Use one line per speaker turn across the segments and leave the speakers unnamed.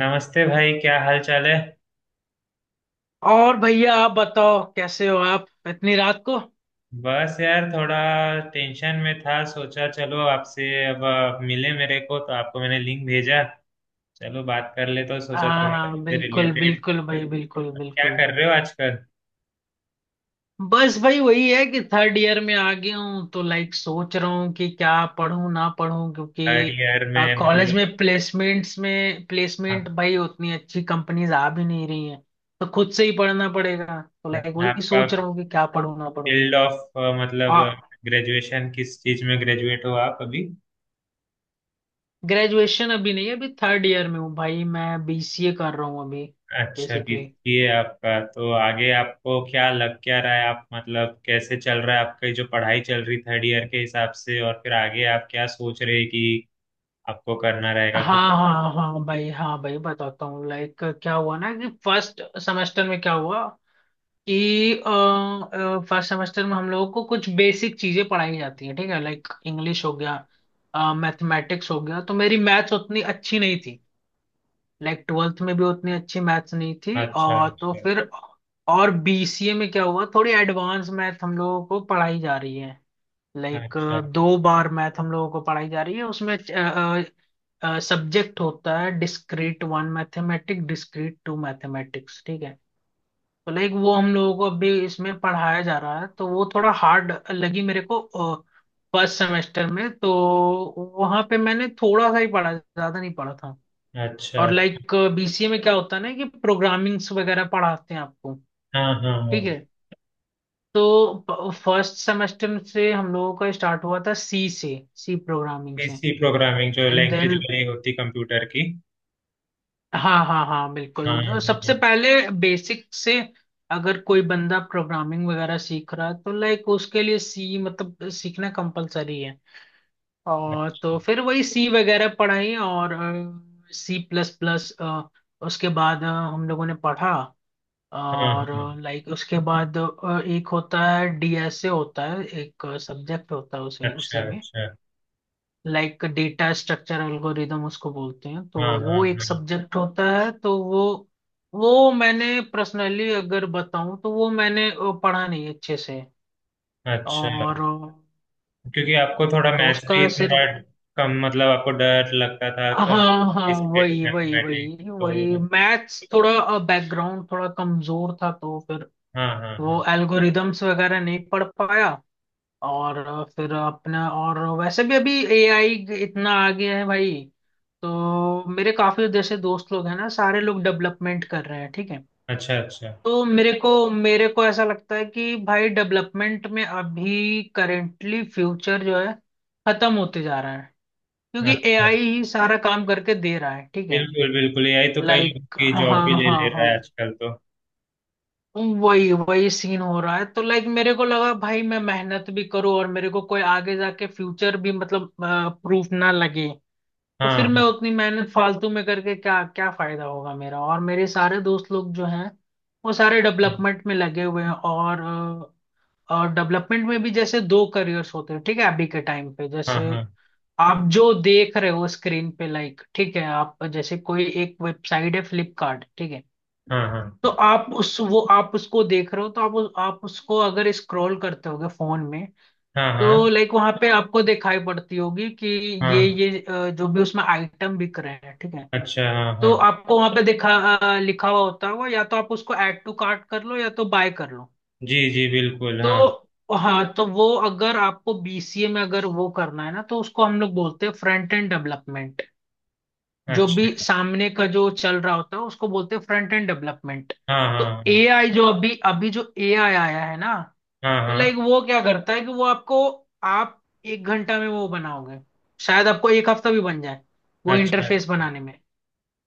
नमस्ते भाई, क्या हाल चाल है।
और भैया आप बताओ, कैसे हो आप इतनी रात को?
बस यार थोड़ा टेंशन में था, सोचा चलो आपसे। अब आप मिले मेरे को तो आपको मैंने लिंक भेजा, चलो बात कर ले, तो सोचा
हाँ
थोड़ा
हाँ,
आपसे
बिल्कुल
रिलेटेड।
बिल्कुल भाई, बिल्कुल
क्या
बिल्कुल।
कर रहे हो आजकल।
बस भाई वही है कि थर्ड ईयर में आ गया हूँ तो लाइक सोच रहा हूँ कि क्या पढूं ना पढूं, क्योंकि
थर्ड ईयर में
कॉलेज
मतलब।
में प्लेसमेंट्स में
हाँ।
प्लेसमेंट भाई उतनी अच्छी कंपनीज आ भी नहीं रही हैं। तो खुद से ही पढ़ना पड़ेगा तो
मतलब
लाइक वही
आपका
सोच रहा हूँ कि क्या पढूं ना पढूं।
फील्ड ऑफ, मतलब
और
ग्रेजुएशन, किस चीज में ग्रेजुएट हो आप अभी।
ग्रेजुएशन अभी नहीं है, अभी थर्ड ईयर में हूँ भाई, मैं बीसीए कर रहा हूँ अभी।
अच्छा,
बेसिकली
बीसीए आपका। तो आगे आपको क्या लग क्या रहा है, आप मतलब कैसे चल रहा है आपकी जो पढ़ाई चल रही थर्ड ईयर के हिसाब से, और फिर आगे आप क्या सोच रहे हैं कि आपको करना रहेगा कुछ।
हाँ हाँ हाँ भाई, हाँ भाई बताता हूँ। लाइक क्या हुआ ना कि फर्स्ट सेमेस्टर में क्या हुआ कि फर्स्ट सेमेस्टर में हम लोगों को कुछ बेसिक चीजें पढ़ाई जाती हैं, ठीक है। लाइक इंग्लिश हो गया, मैथमेटिक्स हो गया, तो मेरी मैथ्स उतनी अच्छी नहीं थी। लाइक ट्वेल्थ में भी उतनी अच्छी मैथ्स नहीं थी,
अच्छा
और तो
अच्छा।
फिर और बीसीए में क्या हुआ, थोड़ी एडवांस मैथ हम लोगों को पढ़ाई जा रही है। लाइक
अच्छा
2 बार मैथ हम लोगों को पढ़ाई जा रही है उसमें। सब्जेक्ट होता है discrete one mathematic discrete two mathematics, ठीक है। तो लाइक वो हम लोगों को अभी इसमें पढ़ाया जा रहा है, तो वो थोड़ा हार्ड लगी मेरे को फर्स्ट सेमेस्टर में, तो वहां पे मैंने थोड़ा सा ही पढ़ा, ज्यादा नहीं पढ़ा था।
अच्छा।
और
अच्छा।
लाइक बीसीए में क्या होता है ना कि प्रोग्रामिंग्स वगैरह पढ़ाते हैं आपको,
हाँ हाँ हाँ।
ठीक है। तो फर्स्ट सेमेस्टर से हम लोगों का स्टार्ट हुआ था सी से, सी प्रोग्रामिंग से।
पीसी प्रोग्रामिंग, जो
एंड
लैंग्वेज
देन
वाली होती कंप्यूटर की।
हाँ हाँ हाँ
हाँ
बिल्कुल, जो
हाँ हाँ।
सबसे पहले बेसिक से, अगर कोई बंदा प्रोग्रामिंग वगैरह सीख रहा है तो लाइक उसके लिए सी मतलब सीखना कंपलसरी है। और तो
अच्छा।
फिर वही सी वगैरह पढ़ाई और सी प्लस प्लस उसके बाद हम लोगों ने पढ़ा।
हाँ हाँ
और
हाँ।
लाइक उसके बाद एक होता है डीएसए, होता है एक सब्जेक्ट होता है उसी
अच्छा
उसी में।
अच्छा।
लाइक डेटा स्ट्रक्चर एल्गोरिदम उसको बोलते हैं, तो
हाँ हाँ
वो एक
हाँ।
सब्जेक्ट होता है, तो वो मैंने पर्सनली अगर बताऊं तो वो मैंने पढ़ा नहीं अच्छे से।
अच्छा।
और
क्योंकि आपको थोड़ा
तो
मैथ्स भी
उसका
थोड़ा
सिर्फ
कम, मतलब आपको डर लगता था तो।
हाँ हाँ,
डिस्क्रीट
वही वही
मैथमेटिक्स
वही वही
तो।
मैथ्स थोड़ा बैकग्राउंड थोड़ा कमजोर था तो फिर
हाँ हाँ
वो
हाँ।
एल्गोरिदम्स वगैरह नहीं पढ़ पाया। और फिर अपना, और वैसे भी अभी एआई इतना आ गया है भाई, तो मेरे काफी जैसे दोस्त लोग हैं ना, सारे लोग डेवलपमेंट कर रहे हैं, ठीक है।
अच्छा अच्छा।
तो मेरे को ऐसा लगता है कि भाई डेवलपमेंट में अभी करेंटली फ्यूचर जो है खत्म होते जा रहा है, क्योंकि
अच्छा।
एआई ही सारा काम करके दे रहा है, ठीक है।
बिल्कुल बिल्कुल, यही तो कई लोग
लाइक
की
हाँ,
जॉब भी
हाँ
ले ले
हाँ,
रहा है आजकल तो।
वही वही सीन हो रहा है, तो लाइक मेरे को लगा भाई मैं मेहनत भी करूँ और मेरे को कोई आगे जाके फ्यूचर भी मतलब प्रूफ ना लगे, तो
हाँ
फिर मैं
हाँ
उतनी मेहनत फालतू में करके क्या, क्या फायदा होगा मेरा। और मेरे सारे दोस्त लोग जो हैं वो सारे डेवलपमेंट में लगे हुए हैं। और और डेवलपमेंट में भी जैसे दो करियर्स होते हैं, ठीक है। अभी के टाइम पे
हाँ।
जैसे
हाँ
आप जो देख रहे हो स्क्रीन पे, लाइक ठीक है, आप जैसे कोई एक वेबसाइट है फ्लिपकार्ट, ठीक है।
हाँ
तो आप उस वो आप उसको देख रहे हो, तो आप उसको अगर स्क्रॉल करते होगे फोन में,
हाँ। हाँ हाँ।
तो लाइक वहां पे आपको दिखाई पड़ती होगी कि ये
हाँ।
ये जो भी उसमें आइटम बिक रहे हैं, ठीक है।
अच्छा। हाँ
तो
हाँ।
आपको वहां पे दिखा लिखा हुआ होता होगा, या तो आप उसको ऐड टू कार्ट कर लो या तो बाय कर लो।
जी जी, बिल्कुल हाँ।
तो हाँ, तो वो अगर आपको बीसीए में अगर वो करना है ना, तो उसको हम लोग बोलते हैं फ्रंट एंड डेवलपमेंट। जो भी
अच्छा।
सामने का जो चल रहा होता है उसको बोलते हैं फ्रंट एंड डेवलपमेंट।
हाँ
तो
हाँ हाँ।
एआई जो अभी अभी जो एआई आया है ना,
हाँ
तो लाइक
हाँ।
वो क्या करता है कि वो आपको, आप 1 घंटा में वो बनाओगे, शायद आपको 1 हफ्ता भी बन जाए वो
अच्छा
इंटरफेस
अच्छा।
बनाने में।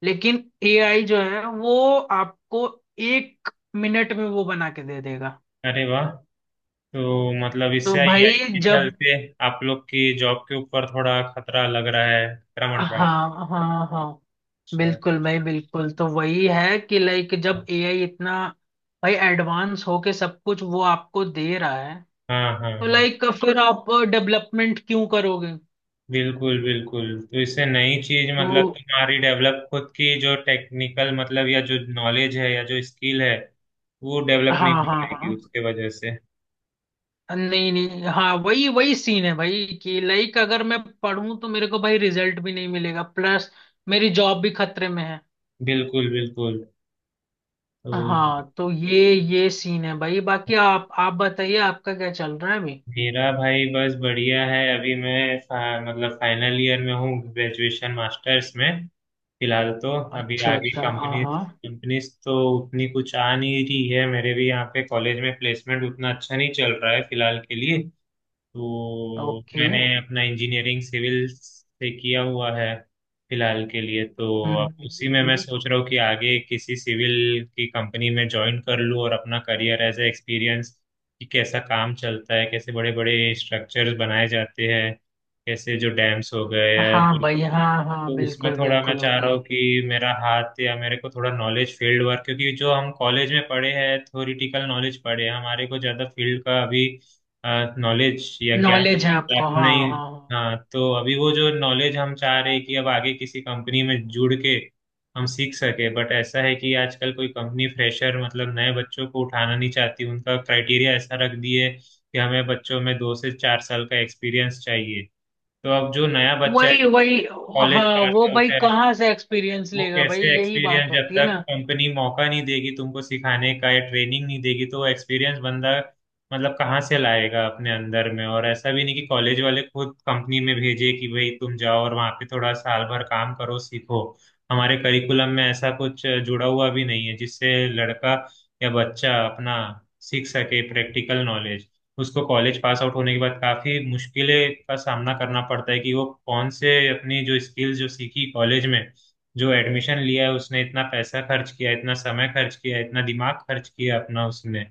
लेकिन एआई जो है वो आपको 1 मिनट में वो बना के दे देगा।
अरे वाह! तो मतलब
तो
इससे
भाई,
एआई के
जब
चलते आप लोग की जॉब के ऊपर थोड़ा खतरा लग रहा है, खतरा मंडरा है।
हाँ हाँ हाँ,
अच्छा
बिल्कुल भाई
अच्छा।
बिल्कुल, तो वही है कि लाइक जब एआई इतना भाई एडवांस होके सब कुछ वो आपको दे रहा है,
हाँ हाँ
तो
हाँ।
लाइक फिर आप डेवलपमेंट क्यों करोगे।
बिल्कुल बिल्कुल। तो इससे नई चीज,
तो
मतलब तुम्हारी डेवलप खुद की जो टेक्निकल, मतलब या जो नॉलेज है या जो स्किल है, वो डेवलप नहीं
हाँ
हो
हाँ
पाएगी
हाँ,
उसके वजह से।
नहीं नहीं, हाँ वही वही सीन है भाई, कि लाइक अगर मैं पढ़ूं तो मेरे को भाई रिजल्ट भी नहीं मिलेगा, प्लस मेरी जॉब भी खतरे में है।
बिल्कुल बिल्कुल। तो
हाँ, तो ये सीन है भाई, बाकी आप बताइए आपका क्या चल रहा है अभी।
मेरा भाई बस बढ़िया है। अभी मैं मतलब फाइनल ईयर में हूँ, ग्रेजुएशन मास्टर्स में फिलहाल तो। अभी
अच्छा
आगे
अच्छा, हाँ
कंपनीज,
हाँ,
कंपनीज तो उतनी कुछ आ नहीं रही है। मेरे भी यहाँ पे कॉलेज में प्लेसमेंट उतना अच्छा नहीं चल रहा है फिलहाल के लिए। तो
ओके।
मैंने अपना इंजीनियरिंग सिविल से किया हुआ है फिलहाल के लिए तो। अब उसी में मैं
हम्म।
सोच रहा हूँ कि आगे किसी सिविल की कंपनी में ज्वाइन कर लूँ और अपना करियर एज ए एक्सपीरियंस, कि कैसा काम चलता है, कैसे बड़े बड़े स्ट्रक्चर्स बनाए जाते हैं, कैसे जो डैम्स हो गए या
हाँ
जो।
भाई, हाँ हाँ,
तो उसमें
बिल्कुल
थोड़ा मैं
बिल्कुल
चाह रहा हूँ
भाई।
कि मेरा हाथ या मेरे को थोड़ा नॉलेज फील्ड वर्क, क्योंकि जो हम कॉलेज में पढ़े हैं थ्योरिटिकल नॉलेज पढ़े हैं, हमारे को ज़्यादा फील्ड का अभी नॉलेज या ज्ञान
नॉलेज है आपको,
प्राप्त
हाँ हाँ
नहीं।
हाँ।
हाँ, तो अभी वो जो नॉलेज हम चाह रहे हैं कि अब आगे किसी कंपनी में जुड़ के हम सीख सके। बट ऐसा है कि आजकल कोई कंपनी फ्रेशर मतलब नए बच्चों को उठाना नहीं चाहती। उनका क्राइटेरिया ऐसा रख दिए कि हमें बच्चों में दो से चार साल का एक्सपीरियंस चाहिए। तो अब जो नया बच्चा है,
वही वही,
कॉलेज
हाँ
पास
वो
आउट
भाई
है,
कहाँ से एक्सपीरियंस
वो
लेगा भाई,
कैसे
यही बात
एक्सपीरियंस, जब
होती है
तक
ना।
कंपनी मौका नहीं देगी तुमको सिखाने का या ट्रेनिंग नहीं देगी तो एक्सपीरियंस बंदा मतलब कहाँ से लाएगा अपने अंदर में। और ऐसा भी नहीं कि कॉलेज वाले खुद कंपनी में भेजे कि भाई तुम जाओ और वहाँ पे थोड़ा साल भर काम करो सीखो। हमारे करिकुलम में ऐसा कुछ जुड़ा हुआ भी नहीं है जिससे लड़का या बच्चा अपना सीख सके प्रैक्टिकल नॉलेज। उसको कॉलेज पास आउट होने के बाद काफी मुश्किलें का सामना करना पड़ता है कि वो कौन से अपनी जो स्किल्स जो सीखी कॉलेज में, जो एडमिशन लिया है उसने, इतना पैसा खर्च किया, इतना समय खर्च किया, इतना दिमाग खर्च किया अपना उसने,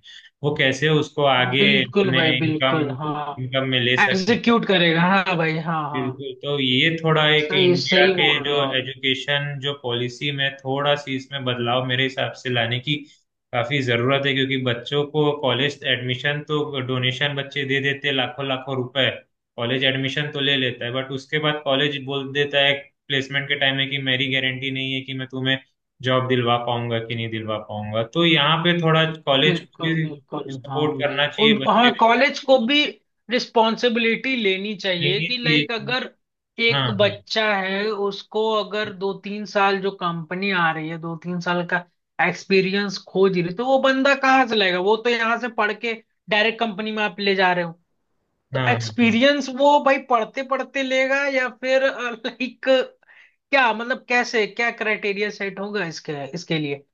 वो कैसे उसको आगे
बिल्कुल
अपने
भाई बिल्कुल,
इनकम,
हाँ
इनकम में ले सके।
एग्जीक्यूट करेगा, हाँ भाई हाँ हाँ।
बिल्कुल। तो ये थोड़ा एक
सही
इंडिया
सही
के
बोल
जो
रहे हो आप,
एजुकेशन जो पॉलिसी में थोड़ा सी इसमें बदलाव मेरे हिसाब से लाने की काफी जरूरत है। क्योंकि बच्चों को कॉलेज एडमिशन तो डोनेशन बच्चे दे देते हैं लाखों लाखों रुपए। कॉलेज एडमिशन तो ले लेता है बट उसके बाद कॉलेज बोल देता है प्लेसमेंट के टाइम में कि मेरी गारंटी नहीं है कि मैं तुम्हें जॉब दिलवा पाऊंगा कि नहीं दिलवा पाऊंगा। तो यहाँ पे थोड़ा कॉलेज को
बिल्कुल बिल्कुल।
भी सपोर्ट
हाँ भाई
करना
उन,
चाहिए बच्चे
हाँ
को।
कॉलेज को भी रिस्पॉन्सिबिलिटी लेनी
नहीं
चाहिए कि
चाहिए
लाइक
कि-
अगर
हाँ
एक
हाँ
बच्चा है उसको, अगर 2-3 साल जो कंपनी आ रही है 2-3 साल का एक्सपीरियंस खोज रही है, तो वो बंदा कहाँ से लाएगा, वो तो यहाँ से पढ़ के डायरेक्ट कंपनी में आप ले जा रहे हो। तो
हाँ। हाँ हाँ।
एक्सपीरियंस वो भाई पढ़ते पढ़ते लेगा, या फिर लाइक क्या मतलब कैसे, क्या क्राइटेरिया सेट होगा इसके इसके लिए।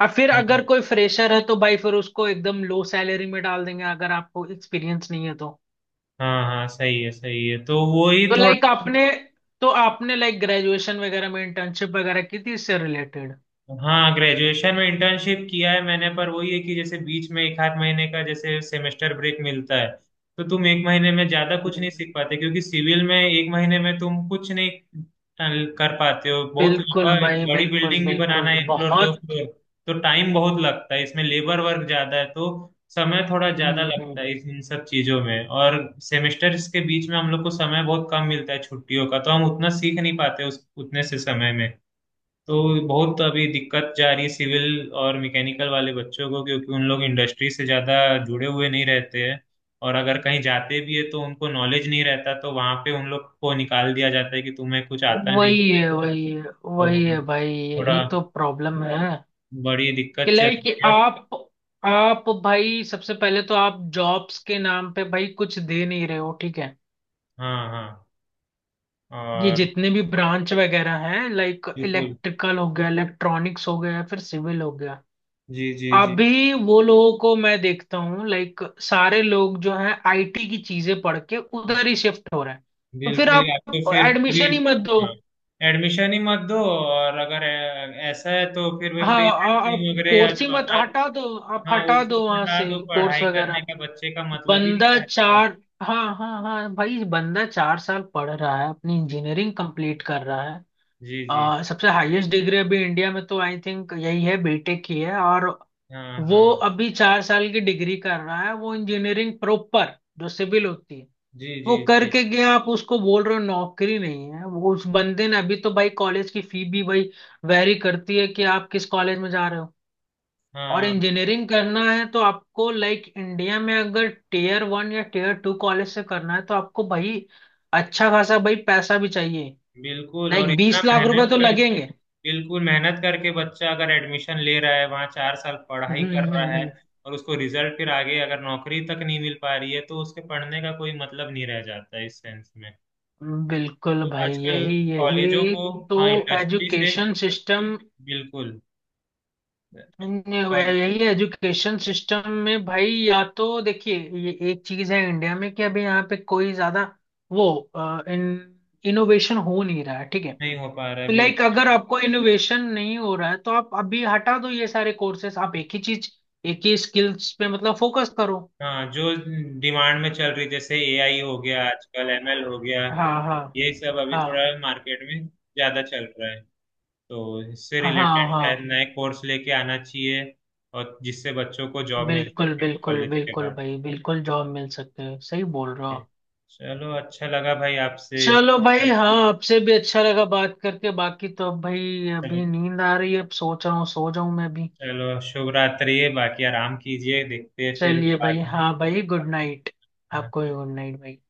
अब फिर अगर
हाँ।
कोई फ्रेशर है तो भाई फिर उसको एकदम लो सैलरी में डाल देंगे, अगर आपको एक्सपीरियंस नहीं है तो।
हाँ हाँ, सही है सही है, तो वो ही
तो
थोड़ा।
लाइक आपने, तो आपने लाइक ग्रेजुएशन वगैरह में इंटर्नशिप वगैरह की थी इससे रिलेटेड?
हाँ, ग्रेजुएशन में इंटर्नशिप किया है मैंने। पर वही है कि जैसे बीच में एक आध महीने का जैसे सेमेस्टर ब्रेक मिलता है, तो तुम एक महीने में ज्यादा कुछ नहीं सीख पाते, क्योंकि सिविल में एक महीने में तुम कुछ नहीं कर पाते हो। बहुत लंबा
बिल्कुल भाई
बड़ी
बिल्कुल
बिल्डिंग भी बनाना
बिल्कुल,
है, एक फ्लोर, दो
बहुत।
फ्लोर, तो टाइम बहुत लगता है इसमें। लेबर वर्क ज्यादा है तो समय थोड़ा ज्यादा लगता
हम्म।
है इन सब चीजों में। और सेमेस्टर्स के बीच में हम लोग को समय बहुत कम मिलता है छुट्टियों का, तो हम उतना सीख नहीं पाते उस उतने से समय में। तो बहुत अभी दिक्कत जा रही है सिविल और मैकेनिकल वाले बच्चों को, क्योंकि उन लोग इंडस्ट्री से ज़्यादा जुड़े हुए नहीं रहते हैं। और अगर कहीं जाते भी है तो उनको नॉलेज नहीं रहता, तो वहाँ पे उन लोग को निकाल दिया जाता है कि तुम्हें कुछ आता नहीं।
वही है, वही है, वही
तो
है भाई,
थोड़ा
यही तो प्रॉब्लम है
बड़ी
कि
दिक्कत चल
लाइक
रही है।
आप, भाई सबसे पहले तो आप जॉब्स के नाम पे भाई कुछ दे नहीं रहे हो, ठीक है।
हाँ हाँ।
ये
और
जितने भी ब्रांच वगैरह हैं लाइक
बिल्कुल।
इलेक्ट्रिकल हो गया, इलेक्ट्रॉनिक्स हो गया, फिर सिविल हो गया,
जी जी जी।
अभी वो लोगों को मैं देखता हूँ लाइक सारे लोग जो है आईटी की चीजें पढ़ के उधर ही शिफ्ट हो रहे हैं। तो फिर
बिल्कुल,
आप
या तो फिर फ्री।
एडमिशन ही मत दो।
हाँ, एडमिशन ही मत दो। और अगर ऐसा है तो फिर वे
हाँ,
फ्री
आप
नर्सिंग वगैरह या
कोर्स ही
जो
मत
अदर।
हटा दो, आप
हाँ, वो
हटा
सब
दो वहां
भंडार
से
तो
कोर्स
पढ़ाई
वगैरह।
करने का बच्चे का मतलब ही
बंदा
नहीं रहता है।
चार, हाँ हाँ हाँ भाई, बंदा 4 साल पढ़ रहा है, अपनी इंजीनियरिंग कंप्लीट कर रहा है।
जी जी।
सबसे हाईएस्ट डिग्री अभी इंडिया में तो आई थिंक यही है, बीटेक की है, और
हाँ
वो
हाँ।
अभी 4 साल की डिग्री कर रहा है, वो इंजीनियरिंग प्रॉपर जो सिविल होती है
जी जी
वो
जी।
करके गया, आप उसको बोल रहे हो नौकरी नहीं है। वो उस बंदे ने अभी तो भाई, कॉलेज की फी भी भाई वेरी करती है कि आप किस कॉलेज में जा रहे हो। और
हाँ,
इंजीनियरिंग करना है तो आपको लाइक इंडिया में अगर टीयर 1 या टीयर 2 कॉलेज से करना है, तो आपको भाई अच्छा खासा भाई पैसा भी चाहिए।
बिल्कुल, और
लाइक
इतना
20 लाख रुपए
मेहनत
तो
कर।
लगेंगे।
बिल्कुल, मेहनत करके बच्चा अगर एडमिशन ले रहा है, वहाँ चार साल पढ़ाई
हम्म
कर
हम्म,
रहा है,
हम्म,
और उसको रिजल्ट फिर आगे अगर नौकरी तक नहीं मिल पा रही है तो उसके पढ़ने का कोई मतलब नहीं रह जाता है इस सेंस में।
बिल्कुल
तो
भाई,
आजकल
यही
कॉलेजों
यही,
को,
तो
हाँ, इंडस्ट्री से,
एजुकेशन सिस्टम,
बिल्कुल। कॉल-
यही एजुकेशन सिस्टम में भाई, या तो देखिए ये एक चीज है इंडिया में कि अभी यहाँ पे कोई ज्यादा वो इन इनोवेशन हो नहीं रहा है, ठीक है।
नहीं हो पा रहा है,
लाइक
बिल्कुल।
अगर आपको इनोवेशन नहीं हो रहा है तो आप अभी हटा दो ये सारे कोर्सेस, आप एक ही चीज, एक ही स्किल्स पे मतलब फोकस करो।
हाँ, जो डिमांड में चल रही जैसे एआई हो गया, आजकल एमएल हो गया,
हाँ हाँ,
ये सब अभी थोड़ा
हाँ
मार्केट में ज्यादा चल रहा है, तो इससे
हाँ
रिलेटेड शायद
हाँ,
नए कोर्स लेके आना चाहिए। और जिससे बच्चों को जॉब मिल
बिल्कुल
सके
बिल्कुल
कॉलेज के
बिल्कुल
बाद।
भाई बिल्कुल, जॉब मिल सकते हैं, सही बोल रहे हो आप।
चलो, अच्छा लगा भाई आपसे
चलो भाई हाँ, आपसे भी अच्छा लगा बात करके, बाकी तो अब भाई अभी
चलो,
नींद आ रही है, अब सोच रहा हूँ सो जाऊं मैं भी।
चलो, शुभ रात्रि। बाकी आराम कीजिए, देखते हैं फिर
चलिए भाई
बाद में।
हाँ भाई, गुड नाइट। आपको भी
हाँ।
गुड नाइट भाई।